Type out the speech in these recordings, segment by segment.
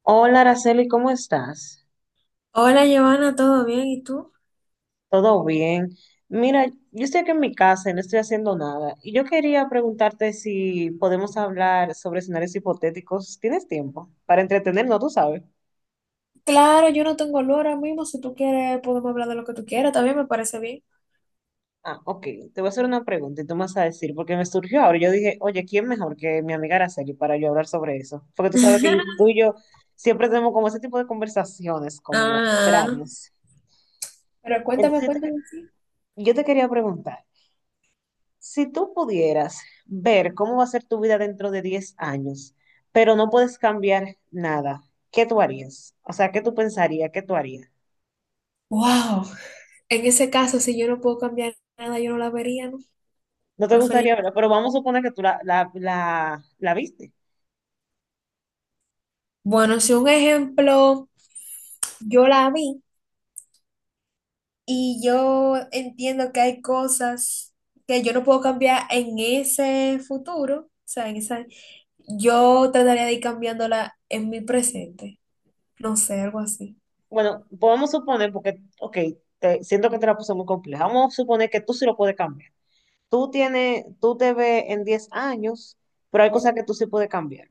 Hola, Araceli, ¿cómo estás? Hola Giovanna, ¿todo bien? ¿Y tú? ¿Todo bien? Mira, yo estoy aquí en mi casa y no estoy haciendo nada. Y yo quería preguntarte si podemos hablar sobre escenarios hipotéticos. ¿Tienes tiempo? Para entretenernos, tú sabes. Claro, yo no tengo olor ahora mismo. Si tú quieres, podemos hablar de lo que tú quieras. También me parece bien. Ah, ok. Te voy a hacer una pregunta y tú me vas a decir, porque me surgió ahora. Yo dije, oye, ¿quién mejor que mi amiga Araceli para yo hablar sobre eso? Porque tú sabes que tú y yo siempre tenemos como ese tipo de conversaciones como Ah, extrañas. pero cuéntame, Entonces, cuéntame, sí. yo te quería preguntar. Si tú pudieras ver cómo va a ser tu vida dentro de 10 años, pero no puedes cambiar nada, ¿qué tú harías? O sea, ¿qué tú pensarías? ¿Qué tú harías? Wow. En ese caso, si yo no puedo cambiar nada, yo no la vería, ¿no? No te Preferir. gustaría verla, pero vamos a suponer que tú la viste. Bueno, si un ejemplo, yo la vi y yo entiendo que hay cosas que yo no puedo cambiar en ese futuro, o sea, en esa, yo trataría de ir cambiándola en mi presente. No sé, algo así. Bueno, pues vamos a suponer, porque, ok, siento que te la puse muy compleja. Vamos a suponer que tú sí lo puedes cambiar. Tú tienes, tú te ves en 10 años, pero hay cosas que tú sí puedes cambiar.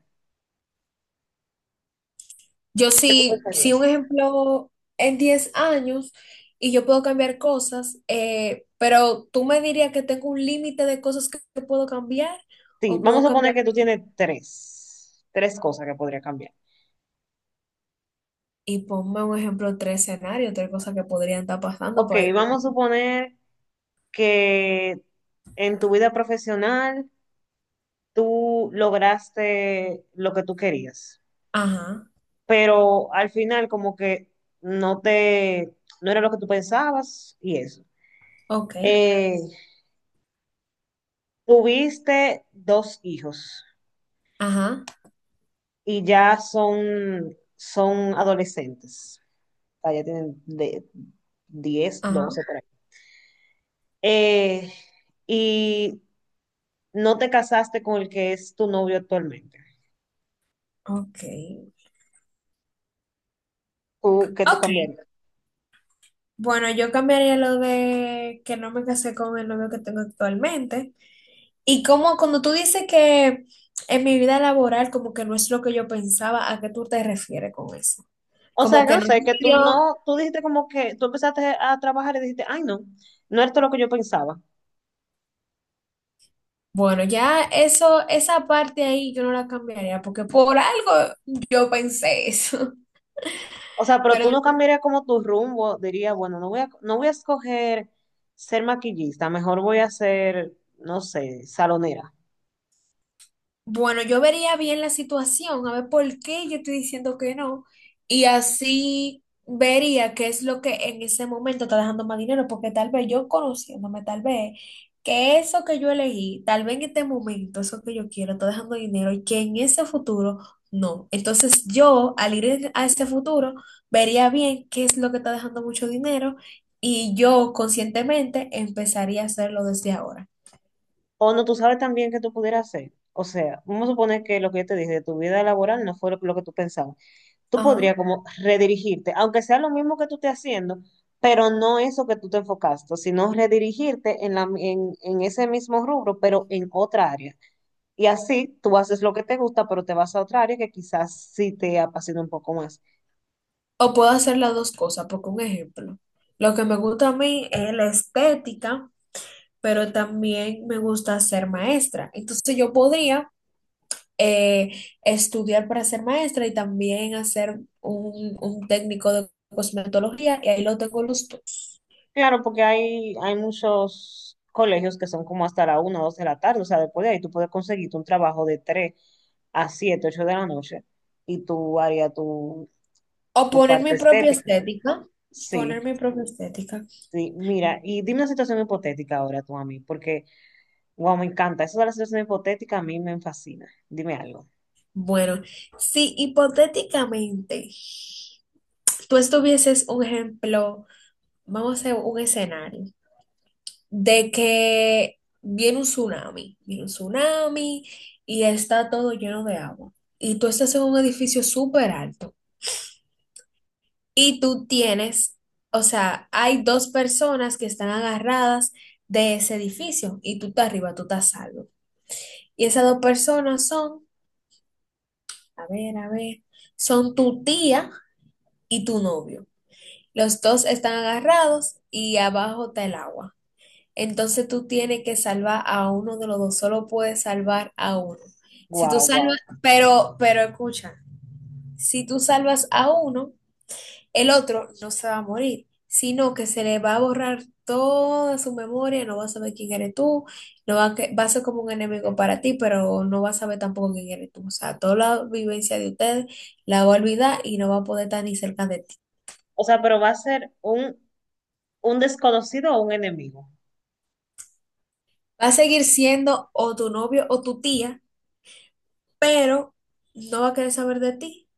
Yo ¿Qué tú sí, sí, un pensarías? ejemplo en 10 años y yo puedo cambiar cosas, pero tú me dirías que tengo un límite de cosas que puedo cambiar Sí, o puedo vamos a suponer cambiar, que tú tienes tres cosas que podría cambiar. y ponme un ejemplo, tres escenarios, tres cosas que podrían estar pasando. Ok, Pues, vamos a suponer que en tu vida profesional tú lograste lo que tú querías, ajá, pero al final como que no te, no era lo que tú pensabas y eso. ok, Eh, Tuviste dos hijos ajá, y ya son, adolescentes, o sea, ya tienen de diez ajá, doce por ahí. Eh, y no te casaste con el que es tu novio actualmente. ok, Tú, que tú ok. cambiarías? Bueno, yo cambiaría lo de que no me casé con el novio que tengo actualmente. Y como cuando tú dices que en mi vida laboral como que no es lo que yo pensaba, ¿a qué tú te refieres con eso? O sea, Como que no no se sé, me que tú dio, no, tú dijiste como que tú empezaste a trabajar y dijiste, ay, no, no esto es todo lo que yo pensaba. bueno, ya eso, esa parte ahí yo no la cambiaría porque por algo yo pensé eso. O sea, pero tú Pero no cambiarías como tu rumbo, dirías, bueno, no voy a escoger ser maquillista, mejor voy a ser, no sé, salonera. bueno, yo vería bien la situación, a ver por qué yo estoy diciendo que no, y así vería qué es lo que en ese momento está dejando más dinero, porque tal vez yo conociéndome, tal vez que eso que yo elegí, tal vez en este momento, eso que yo quiero, está dejando dinero y que en ese futuro no. Entonces yo, al ir en- a ese futuro, vería bien qué es lo que está dejando mucho dinero y yo conscientemente empezaría a hacerlo desde ahora. O no, tú sabes también que tú pudieras hacer. O sea, vamos a suponer que lo que yo te dije de tu vida laboral no fue lo que tú pensabas. Tú Ajá. podrías como redirigirte, aunque sea lo mismo que tú estés haciendo, pero no eso que tú te enfocaste, sino redirigirte en, en ese mismo rubro, pero en otra área. Y así tú haces lo que te gusta, pero te vas a otra área que quizás sí te apasiona un poco más. O puedo hacer las dos cosas, porque un ejemplo, lo que me gusta a mí es la estética, pero también me gusta ser maestra. Entonces yo podría eh, estudiar para ser maestra y también hacer un técnico de cosmetología y ahí lo tengo los dos. Claro, porque hay muchos colegios que son como hasta la 1 o 2 de la tarde, o sea, después de ahí tú puedes conseguirte un trabajo de 3 a 7 8 de la noche y tú harías tu, O tu poner mi parte propia estética. estética. Poner Sí. mi propia estética. Sí, mira, y dime una situación hipotética ahora tú a mí, porque, wow, me encanta. Eso de la situación hipotética a mí me fascina. Dime algo. Bueno, si hipotéticamente tú estuvieses un ejemplo, vamos a hacer un escenario de que viene un tsunami y está todo lleno de agua. Y tú estás en un edificio súper alto y tú tienes, o sea, hay dos personas que están agarradas de ese edificio y tú estás arriba, tú estás salvo. Y esas dos personas son, a ver, son tu tía y tu novio. Los dos están agarrados y abajo está el agua. Entonces tú tienes que salvar a uno de los dos, solo puedes salvar a uno. Si tú Wow, salvas, wow. pero escucha, si tú salvas a uno, el otro no se va a morir, sino que se le va a borrar toda su memoria, no va a saber quién eres tú, no va a, que- va a ser como un enemigo para ti, pero no va a saber tampoco quién eres tú. O sea, toda la vivencia de ustedes la va a olvidar y no va a poder estar ni cerca de ti. O sea, pero va a ser un desconocido o un enemigo. Va a seguir siendo o tu novio o tu tía, pero no va a querer saber de ti.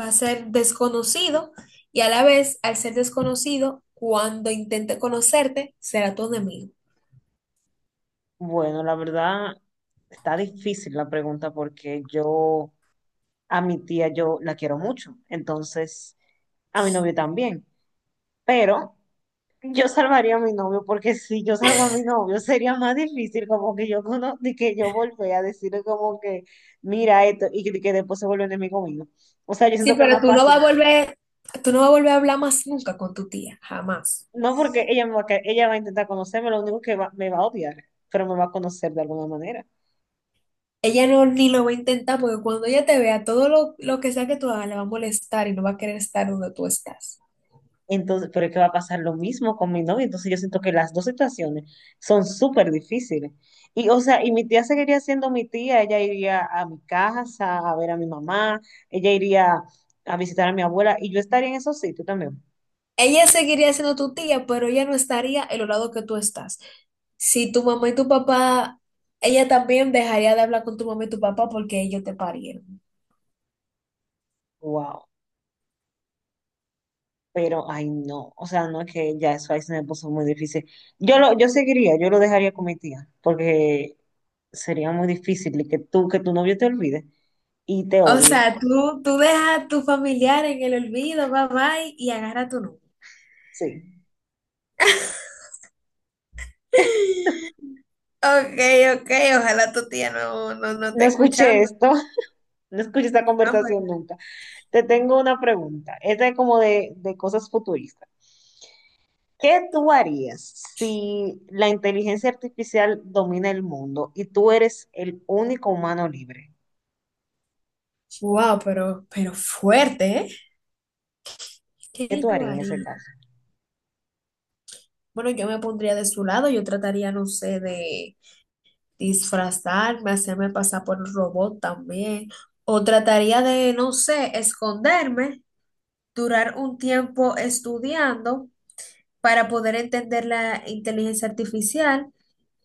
Va a ser desconocido y a la vez, al ser desconocido, cuando intente conocerte, será tu enemigo. Bueno, la verdad, está difícil la pregunta porque yo a mi tía yo la quiero mucho. Entonces, a mi novio también. Pero yo salvaría a mi novio, porque si yo salvo a mi novio, sería más difícil como que yo de que yo volví a decirle como que, mira esto, y que después se vuelve enemigo mío. O sea, yo Sí, siento que es pero más tú no fácil. vas a volver, tú no vas a volver a hablar más nunca con tu tía, jamás. No porque ella me va a, que- ella va a intentar conocerme, lo único que me va a odiar, pero me va a conocer de alguna manera. Ella no ni lo va a intentar porque cuando ella te vea, todo lo que sea que tú hagas le va a molestar y no va a querer estar donde tú estás. Entonces, pero es que va a pasar lo mismo con mi novio. Entonces yo siento que las dos situaciones son súper difíciles. Y, o sea, y mi tía seguiría siendo mi tía. Ella iría a mi casa a ver a mi mamá. Ella iría a visitar a mi abuela. Y yo estaría en esos sitios también. Ella seguiría siendo tu tía, pero ella no estaría en los lados que tú estás. Si tu mamá y tu papá, ella también dejaría de hablar con tu mamá y tu papá porque ellos te parieron. Wow. Pero, ay, no. O sea, no es que ya eso ahí se me puso muy difícil. Yo lo dejaría con mi tía. Porque sería muy difícil que tú, que tu novio te olvide y te O odie. sea, tú dejas a tu familiar en el olvido, bye bye, y agarra tu número. Sí. Ok, ok, ojalá tu tía no No esté escuché escuchando. esto. No escuché esta Ah, pues, conversación nunca. Te tengo una pregunta. Esta es como de cosas futuristas. ¿Qué tú harías si la inteligencia artificial domina el mundo y tú eres el único humano libre? wow, pero fuerte, ¿eh? ¿Qué ¿Qué tú yo harías en ese haría? caso? Bueno, yo me pondría de su lado, yo trataría, no sé, de disfrazarme, hacerme pasar por un robot también, o trataría de, no sé, esconderme, durar un tiempo estudiando para poder entender la inteligencia artificial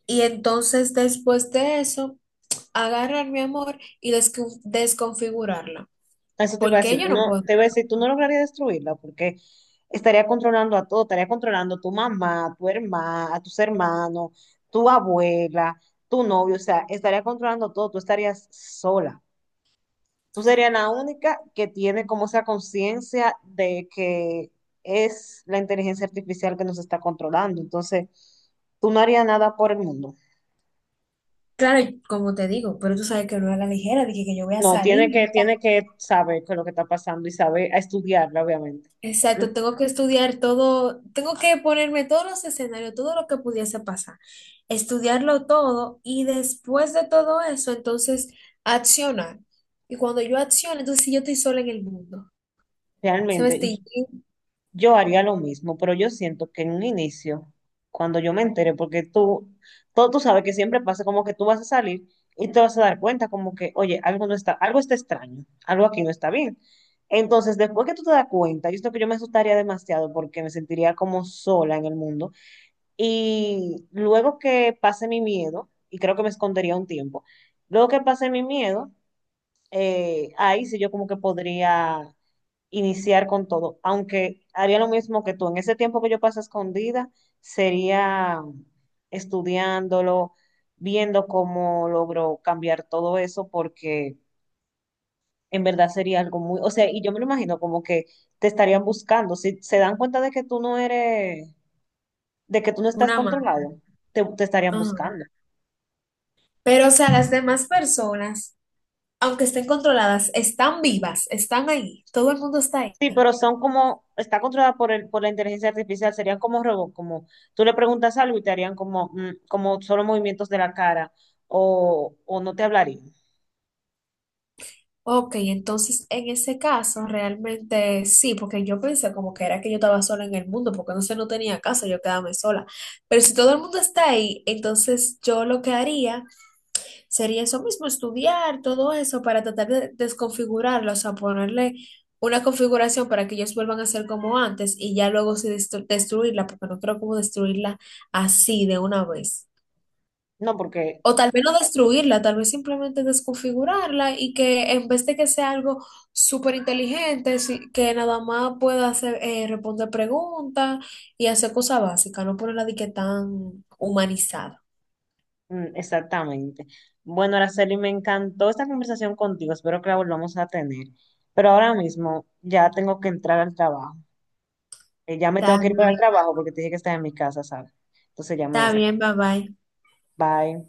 y entonces después de eso, agarrar mi amor y desconfigurarla, Eso te iba a porque decir, yo tú no no, puedo. te iba a decir, tú no lograrías destruirla porque estaría controlando a todo, estaría controlando a tu mamá, a tu hermana, a tus hermanos, tu abuela, tu novio, o sea, estaría controlando todo, tú estarías sola. Tú serías la única que tiene como esa conciencia de que es la inteligencia artificial que nos está controlando. Entonces, tú no harías nada por el mundo. Claro, como te digo, pero tú sabes que no es a la ligera, dije que yo voy a No, tiene que, salir. tiene que saber qué es lo que está pasando y saber a estudiarla, obviamente. Exacto, tengo que estudiar todo, tengo que ponerme todos los escenarios, todo lo que pudiese pasar, estudiarlo todo y después de todo eso, entonces accionar. Y cuando yo acciono, entonces sí, yo estoy sola en el mundo. Se me Realmente, está yendo yo haría lo mismo, pero yo siento que en un inicio, cuando yo me entere, porque tú, todo tú sabes que siempre pasa como que tú vas a salir y te vas a dar cuenta como que, oye, algo no está, algo está extraño, algo aquí no está bien. Entonces, después que tú te das cuenta, yo siento que yo me asustaría demasiado porque me sentiría como sola en el mundo. Y luego que pase mi miedo, y creo que me escondería un tiempo, luego que pase mi miedo, ahí sí yo como que podría iniciar con todo, aunque haría lo mismo que tú. En ese tiempo que yo paso escondida, sería estudiándolo, viendo cómo logro cambiar todo eso, porque en verdad sería algo muy, o sea, y yo me lo imagino como que te estarían buscando. Si se dan cuenta de que tú no eres, de que tú no estás una mano. controlado, te estarían Ajá. buscando. Pero, o sea, las demás personas, aunque estén controladas, están vivas, están ahí, todo el mundo está Sí, ahí. pero son como, está controlada por el, por la inteligencia artificial, serían como robots, como tú le preguntas algo y te harían como, como solo movimientos de la cara o, no te hablarían. Ok, entonces en ese caso realmente sí, porque yo pensé como que era que yo estaba sola en el mundo, porque no sé, no tenía casa, yo quedarme sola. Pero si todo el mundo está ahí, entonces yo lo que haría sería eso mismo, estudiar todo eso para tratar de desconfigurarlo, o sea, ponerle una configuración para que ellos vuelvan a ser como antes y ya luego sí destruirla, porque no creo como destruirla así de una vez. No, porque O tal vez no destruirla, tal vez simplemente desconfigurarla y que en vez de que sea algo súper inteligente, sí- que nada más pueda hacer, responder preguntas y hacer cosas básicas, no ponerla de que tan humanizada. Exactamente. Bueno, Araceli, me encantó esta conversación contigo, espero que la volvamos a tener. Pero ahora mismo ya tengo que entrar al trabajo. Ya me tengo Está que ir para el bien, trabajo porque te dije que estás en mi casa, ¿sabes? Entonces ya me está voy. bien, bye bye. Bye.